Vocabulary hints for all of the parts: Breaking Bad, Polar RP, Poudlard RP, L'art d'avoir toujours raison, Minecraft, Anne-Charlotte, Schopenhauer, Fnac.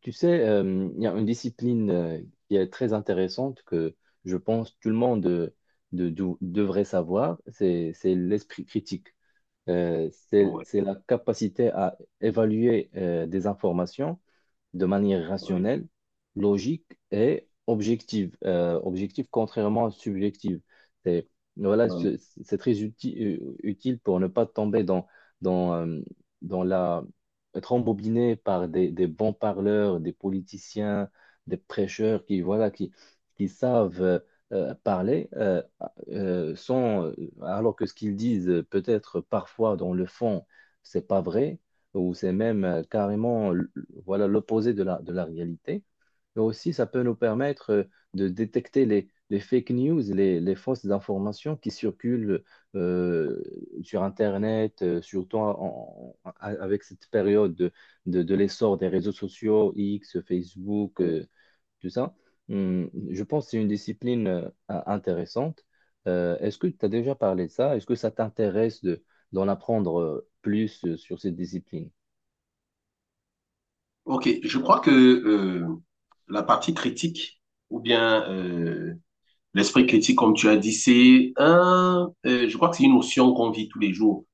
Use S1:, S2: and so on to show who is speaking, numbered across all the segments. S1: Tu sais, il y a une discipline qui est très intéressante que je pense tout le monde devrait savoir, c'est l'esprit critique. Euh, c'est
S2: Ouais,
S1: c'est la capacité à évaluer des informations de manière
S2: ouais.
S1: rationnelle, logique et objective. Objective contrairement à subjective. C'est, voilà,
S2: Ouais.
S1: c'est C'est très utile pour ne pas tomber dans, euh, dans... être embobiné par des bons parleurs, des politiciens, des prêcheurs qui savent parler sans, alors que ce qu'ils disent peut-être parfois dans le fond, c'est pas vrai ou c'est même carrément voilà l'opposé de de la réalité. Mais aussi, ça peut nous permettre de détecter les fake news, les fausses informations qui circulent euh, sur Internet, surtout avec cette période de l'essor des réseaux sociaux, X, Facebook,
S2: Ouais.
S1: tout ça. Je pense que c'est une discipline intéressante. Est-ce que tu as déjà parlé de ça? Est-ce que ça t'intéresse d'en apprendre plus sur cette discipline?
S2: Ok, je crois que la partie critique, ou bien l'esprit critique, comme tu as dit, c'est un, je crois que c'est une notion qu'on vit tous les jours,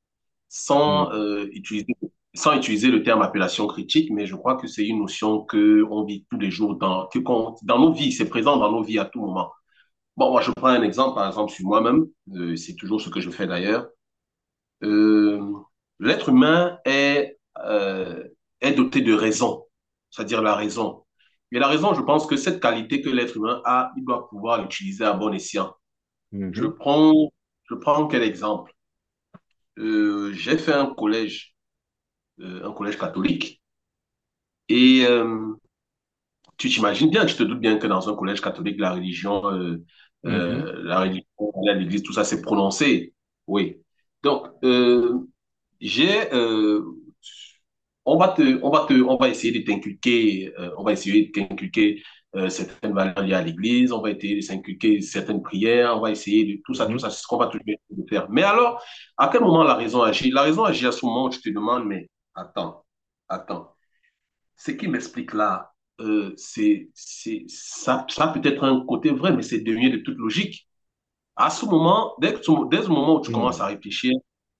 S2: sans
S1: Hum,
S2: utiliser, sans utiliser le terme appellation critique, mais je crois que c'est une notion que on vit tous les jours dans, que dans nos vies, c'est présent dans nos vies à tout moment. Bon, moi, je prends un exemple, par exemple, sur moi-même, c'est toujours ce que je fais d'ailleurs. euh, L'être humain est, euh, est doté de raison, c'est-à-dire la raison. Et la raison, je pense que cette qualité que l'être humain a, il doit pouvoir l'utiliser à bon escient. Je
S1: mhm,
S2: prends, je prends quel exemple? J'ai fait un collège catholique, et tu t'imagines bien, tu te doutes bien que dans un collège catholique,
S1: mhm.
S2: la religion, aller à l'église, tout ça, c'est prononcé. Oui. Donc, J'ai, euh, on on va essayer de t'inculquer, on va essayer de t'inculquer certaines valeurs liées à l'Église, on va essayer de t'inculquer certaines prières, on va essayer de tout
S1: Mhm.
S2: ça, c'est ce qu'on va toujours essayer de faire. Mais alors, à quel moment la raison agit? La raison agit à ce moment où tu te demandes, mais attends, attends, ce qui m'explique là, c'est, ça peut être un côté vrai, mais c'est devenu de toute logique. À ce moment, dès le moment où tu commences à
S1: Mhm.
S2: réfléchir,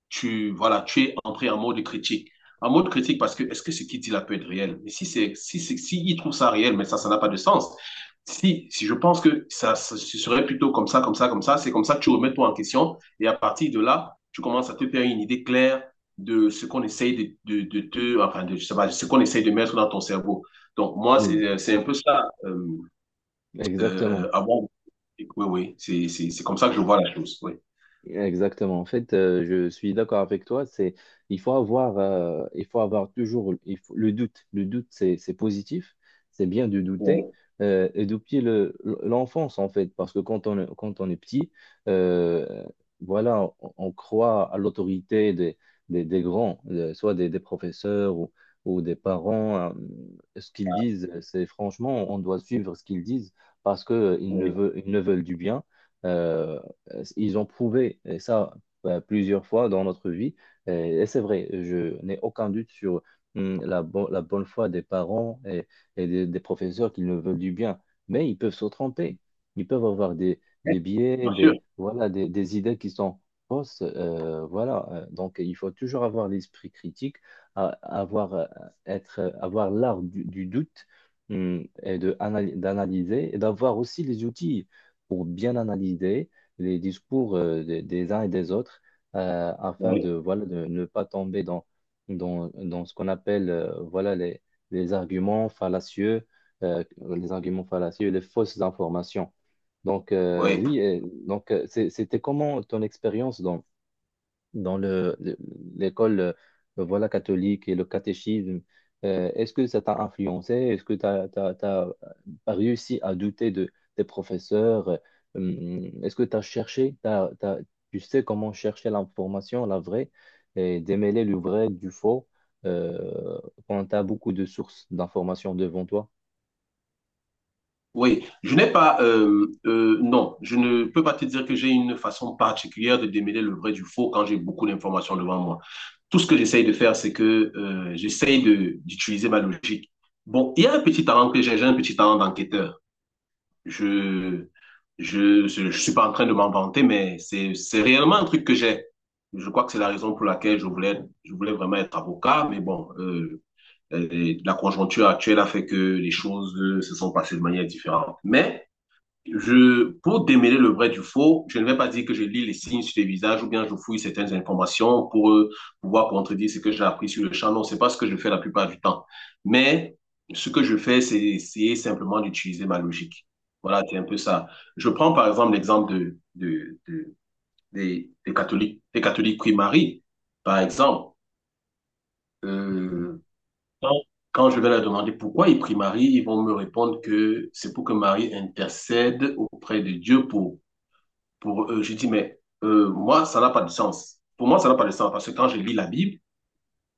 S2: tu, voilà, tu es entré en mode critique. En mode critique parce que est-ce que ce qu'il dit là peut être réel? Mais si c'est, si c'est, si il trouve ça réel, mais ça n'a pas de sens. Si, si je pense que ça, ce serait plutôt comme ça, comme ça, comme ça, c'est comme ça que tu remets toi en question et à partir de là, tu commences à te faire une idée claire de ce qu'on essaye de te, enfin, de, je sais pas, ce qu'on essaye de mettre dans ton cerveau. Donc, moi,
S1: Oui,
S2: c'est un peu ça.
S1: exactement.
S2: Avant, oui, oui, c'est comme ça que je vois la chose. Oui,
S1: Exactement. En fait, je suis d'accord avec toi. C'est, il faut avoir, le doute. Le doute, c'est positif. C'est bien de douter.
S2: oui,
S1: Et depuis l'enfance, en fait, parce que quand on est petit, euh, on croit à l'autorité des grands, soit des professeurs ou des parents. Ce qu'ils disent, c'est franchement, on doit suivre ce qu'ils disent parce que
S2: oui.
S1: ils ne veulent du bien. euh, ils ont prouvé et ça plusieurs fois dans notre vie. Et, et c'est vrai, je n'ai aucun doute sur la bonne foi des parents et des professeurs qui ne veulent du bien. Mais ils peuvent se tromper. Ils peuvent avoir des biais,
S2: Bien sûr.
S1: des idées qui sont fausses. Voilà. Donc, il faut toujours avoir l'esprit critique, a- avoir, euh, avoir l'art du doute d'analyser et d'avoir aussi les outils pour bien analyser les discours des uns et des autres afin
S2: Oui,
S1: de, voilà, de ne pas tomber dans ce qu'on appelle voilà, les arguments fallacieux, les fausses informations. Donc,
S2: oui,
S1: oui, et donc c'était comment ton expérience dans l'école voilà, catholique et le catéchisme, est-ce que ça t'a influencé? Est-ce que tu as réussi à douter de tes professeurs? Est-ce que tu as cherché, tu sais comment chercher l'information, la vraie, et démêler le vrai du faux euh, quand tu as beaucoup de sources d'informations devant toi?
S2: oui. Je n'ai pas, non, je ne peux pas te dire que j'ai une façon particulière de démêler le vrai du faux quand j'ai beaucoup d'informations devant moi. Tout ce que j'essaye de faire, c'est que d'utiliser ma logique. Bon, il y a un petit talent que j'ai un petit talent d'enquêteur. Je, je, je suis pas en train de m'en vanter, mais c'est réellement un truc que j'ai. Je crois que c'est la raison pour laquelle je voulais vraiment être avocat, mais bon, la conjoncture actuelle a fait que les choses se sont passées de manière différente. Mais je, pour démêler le vrai du faux, je ne vais pas dire que je lis les signes sur les visages ou bien je fouille certaines informations pour pouvoir contredire ce que j'ai appris sur le champ. Non, c'est pas ce que je fais la plupart du temps. Mais ce que je fais, c'est essayer simplement d'utiliser ma logique. Voilà, c'est un peu ça. Je prends par exemple l'exemple de, des catholiques prient Marie, par exemple. Euh, Quand, quand je vais leur demander pourquoi ils prient Marie, ils vont me répondre que c'est pour que Marie intercède auprès de Dieu pour, je dis, mais moi, ça n'a pas de sens. Pour moi, ça n'a pas de sens parce que quand je lis la Bible,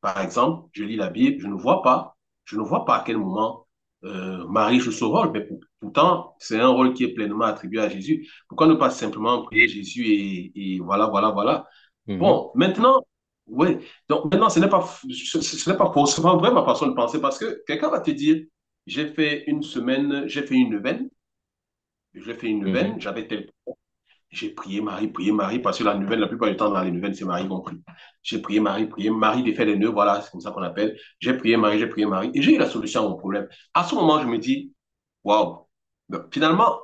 S2: par exemple, je lis la Bible, je ne vois pas, je ne vois pas à quel moment Marie joue ce rôle, mais pourtant, c'est un rôle qui est pleinement attribué à Jésus. Pourquoi ne pas simplement prier Jésus et voilà, voilà, voilà.
S1: Mhm,
S2: Bon, maintenant, oui, donc maintenant, ce n'est pas, ce, ce n'est pas forcément vrai ma façon de penser parce que quelqu'un va te dire, j'ai fait une semaine, j'ai fait une veine, j'ai fait une
S1: mhm,
S2: veine, j'avais tel j'ai prié Marie, parce que la nouvelle, la plupart du temps, dans les nouvelles, c'est Marie qu'on prie. J'ai prié Marie, défait les nœuds, voilà, c'est comme ça qu'on appelle. J'ai prié Marie, et j'ai eu la solution à mon problème. À ce moment, je me dis, waouh, finalement,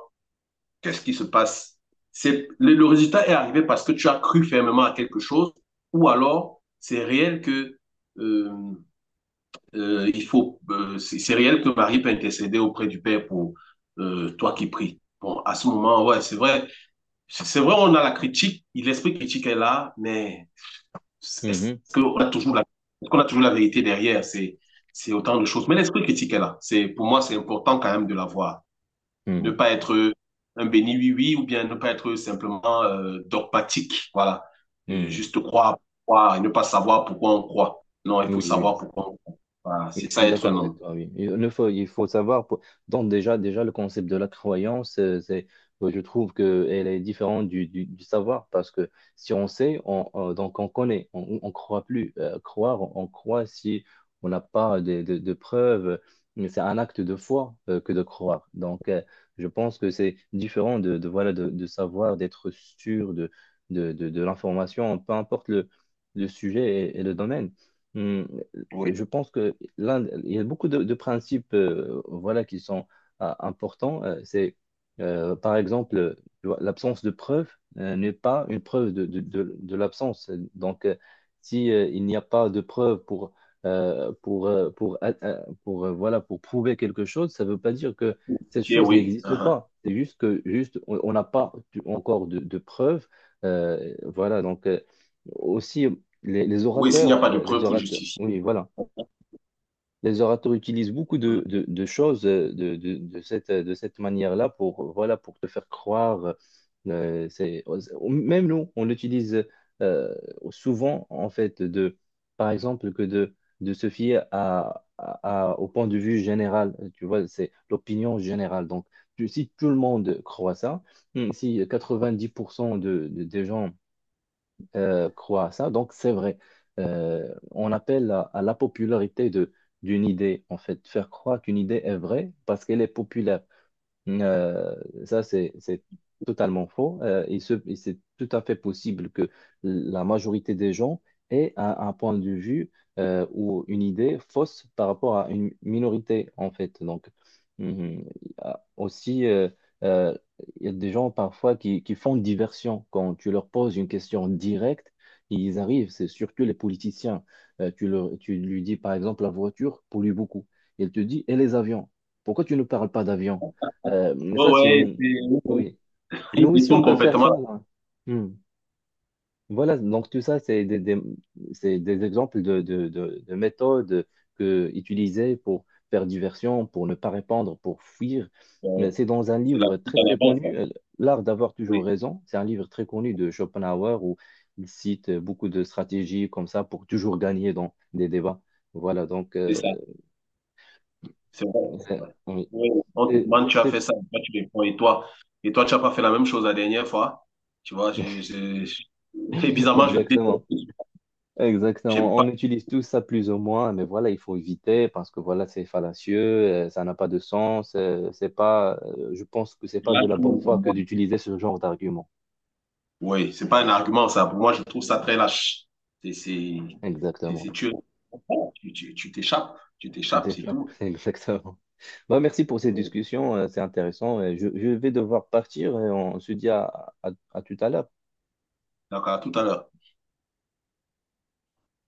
S2: qu'est-ce qui se passe? C'est, le résultat est arrivé parce que tu as cru fermement à quelque chose, ou alors, c'est réel que, euh, il faut, c'est réel que Marie peut intercéder auprès du Père pour toi qui pries. Bon, à ce moment, ouais, c'est vrai, on a la critique, l'esprit critique est là, mais est-ce
S1: mhm,
S2: qu'on a toujours la, est-ce qu'on a toujours la vérité derrière? C'est autant de choses. Mais l'esprit critique est là. C'est, pour moi, c'est important quand même de l'avoir. Ne
S1: mhm,
S2: pas être un béni oui-oui ou bien ne pas être simplement dogmatique. Voilà.
S1: mhm.
S2: Juste croire, croire et ne pas savoir pourquoi on croit. Non, il
S1: Oui,
S2: faut
S1: oui.
S2: savoir pourquoi on croit. Voilà.
S1: Oui,
S2: C'est
S1: je suis
S2: ça être
S1: d'accord
S2: un
S1: avec
S2: homme.
S1: toi, oui. Il ne faut, il faut savoir, donc déjà, déjà, le concept de la croyance, je trouve qu'elle est différente du savoir, parce que si on sait, donc on connaît, on ne croit plus. Croire, on croit si on n'a pas de preuves, mais c'est un acte de foi que de croire. Donc, je pense que c'est différent de savoir, d'être sûr de l'information, peu importe le sujet et le domaine. Hmm,
S2: Oui.
S1: je pense que l'un, il y a beaucoup de principes voilà, qui sont importants. Par exemple, tu vois, l'absence de preuve n'est pas une preuve de l'absence. Donc, si il n'y a pas de preuve pour, voilà, pour prouver quelque chose, ça ne veut pas dire que cette
S2: Ok,
S1: chose
S2: oui.
S1: n'existe
S2: Uh-huh.
S1: pas. C'est juste que juste, on n'a pas encore de preuves. Voilà, donc aussi
S2: Oui, s'il n'y a pas de
S1: les
S2: preuve pour
S1: orateurs,
S2: justifier.
S1: oui, voilà. Les orateurs utilisent beaucoup de choses de cette manière-là pour, voilà, pour te faire croire. euh, c'est, même nous, on l'utilise euh, souvent, en fait, par exemple, de se fier à, au point de vue général. Tu vois, c'est l'opinion générale. Donc, si tout le monde croit ça, si 90% des gens croient à ça. Donc, c'est vrai. On appelle à la popularité d'une idée, en fait, faire croire qu'une idée est vraie parce qu'elle est populaire. Euh, c'est totalement faux. C'est tout à fait possible que la majorité des gens aient un point de vue ou une idée fausse par rapport à une minorité, en fait. Donc, mhm, il y a aussi, euh, il y a des gens parfois qui font diversion. Quand tu leur poses une question directe, ils arrivent, c'est surtout les politiciens. Tu lui dis, par exemple, la voiture pollue beaucoup. Il te dit, et les avions? Pourquoi tu ne parles pas d'avions? Mais
S2: Oh,
S1: ça, c'est
S2: ouais,
S1: une... Oui. Nous
S2: il
S1: aussi,
S2: détourne
S1: on peut faire
S2: complètement.
S1: ça. Là. Hmm. Voilà, donc tout ça, c'est c'est des exemples de méthodes que, utilisées pour faire diversion, pour ne pas répondre, pour fuir.
S2: la-
S1: Mais c'est dans un
S2: C'est la
S1: livre
S2: suite
S1: très,
S2: à la
S1: très
S2: base, ça.
S1: connu, L'art d'avoir toujours
S2: Oui,
S1: raison. C'est un livre très connu de Schopenhauer où il cite beaucoup de stratégies comme ça pour toujours gagner dans des débats. Voilà, donc...
S2: c'est ça. C'est vrai. C'est vrai.
S1: oui.
S2: Oui, on te
S1: Et
S2: demande, tu as
S1: c'était-
S2: fait ça, toi, tu réponds. Et toi, tu n'as pas fait la même chose la dernière fois. Tu vois, je, et bizarrement, je déteste.
S1: exactement.
S2: J'aime
S1: Exactement. On
S2: pas.
S1: utilise tout ça plus ou moins, mais voilà, il faut éviter parce que voilà, c'est fallacieux, ça n'a pas de sens. C'est pas, je pense que c'est pas de
S2: Lâche
S1: la bonne foi
S2: pour
S1: que
S2: moi.
S1: d'utiliser ce genre d'argument.
S2: Oui, c'est pas un argument, ça. Pour moi, je trouve ça très lâche. C'est, c'est, c'est,
S1: Exactement.
S2: tu, tu, t'échappes. Tu
S1: Tu
S2: t'échappes, c'est
S1: t'échappes.
S2: tout.
S1: Exactement. Bah, merci pour cette
S2: Donc,
S1: discussion, c'est intéressant. Je vais devoir partir et on se dit à tout à l'heure.
S2: à tout à l'heure.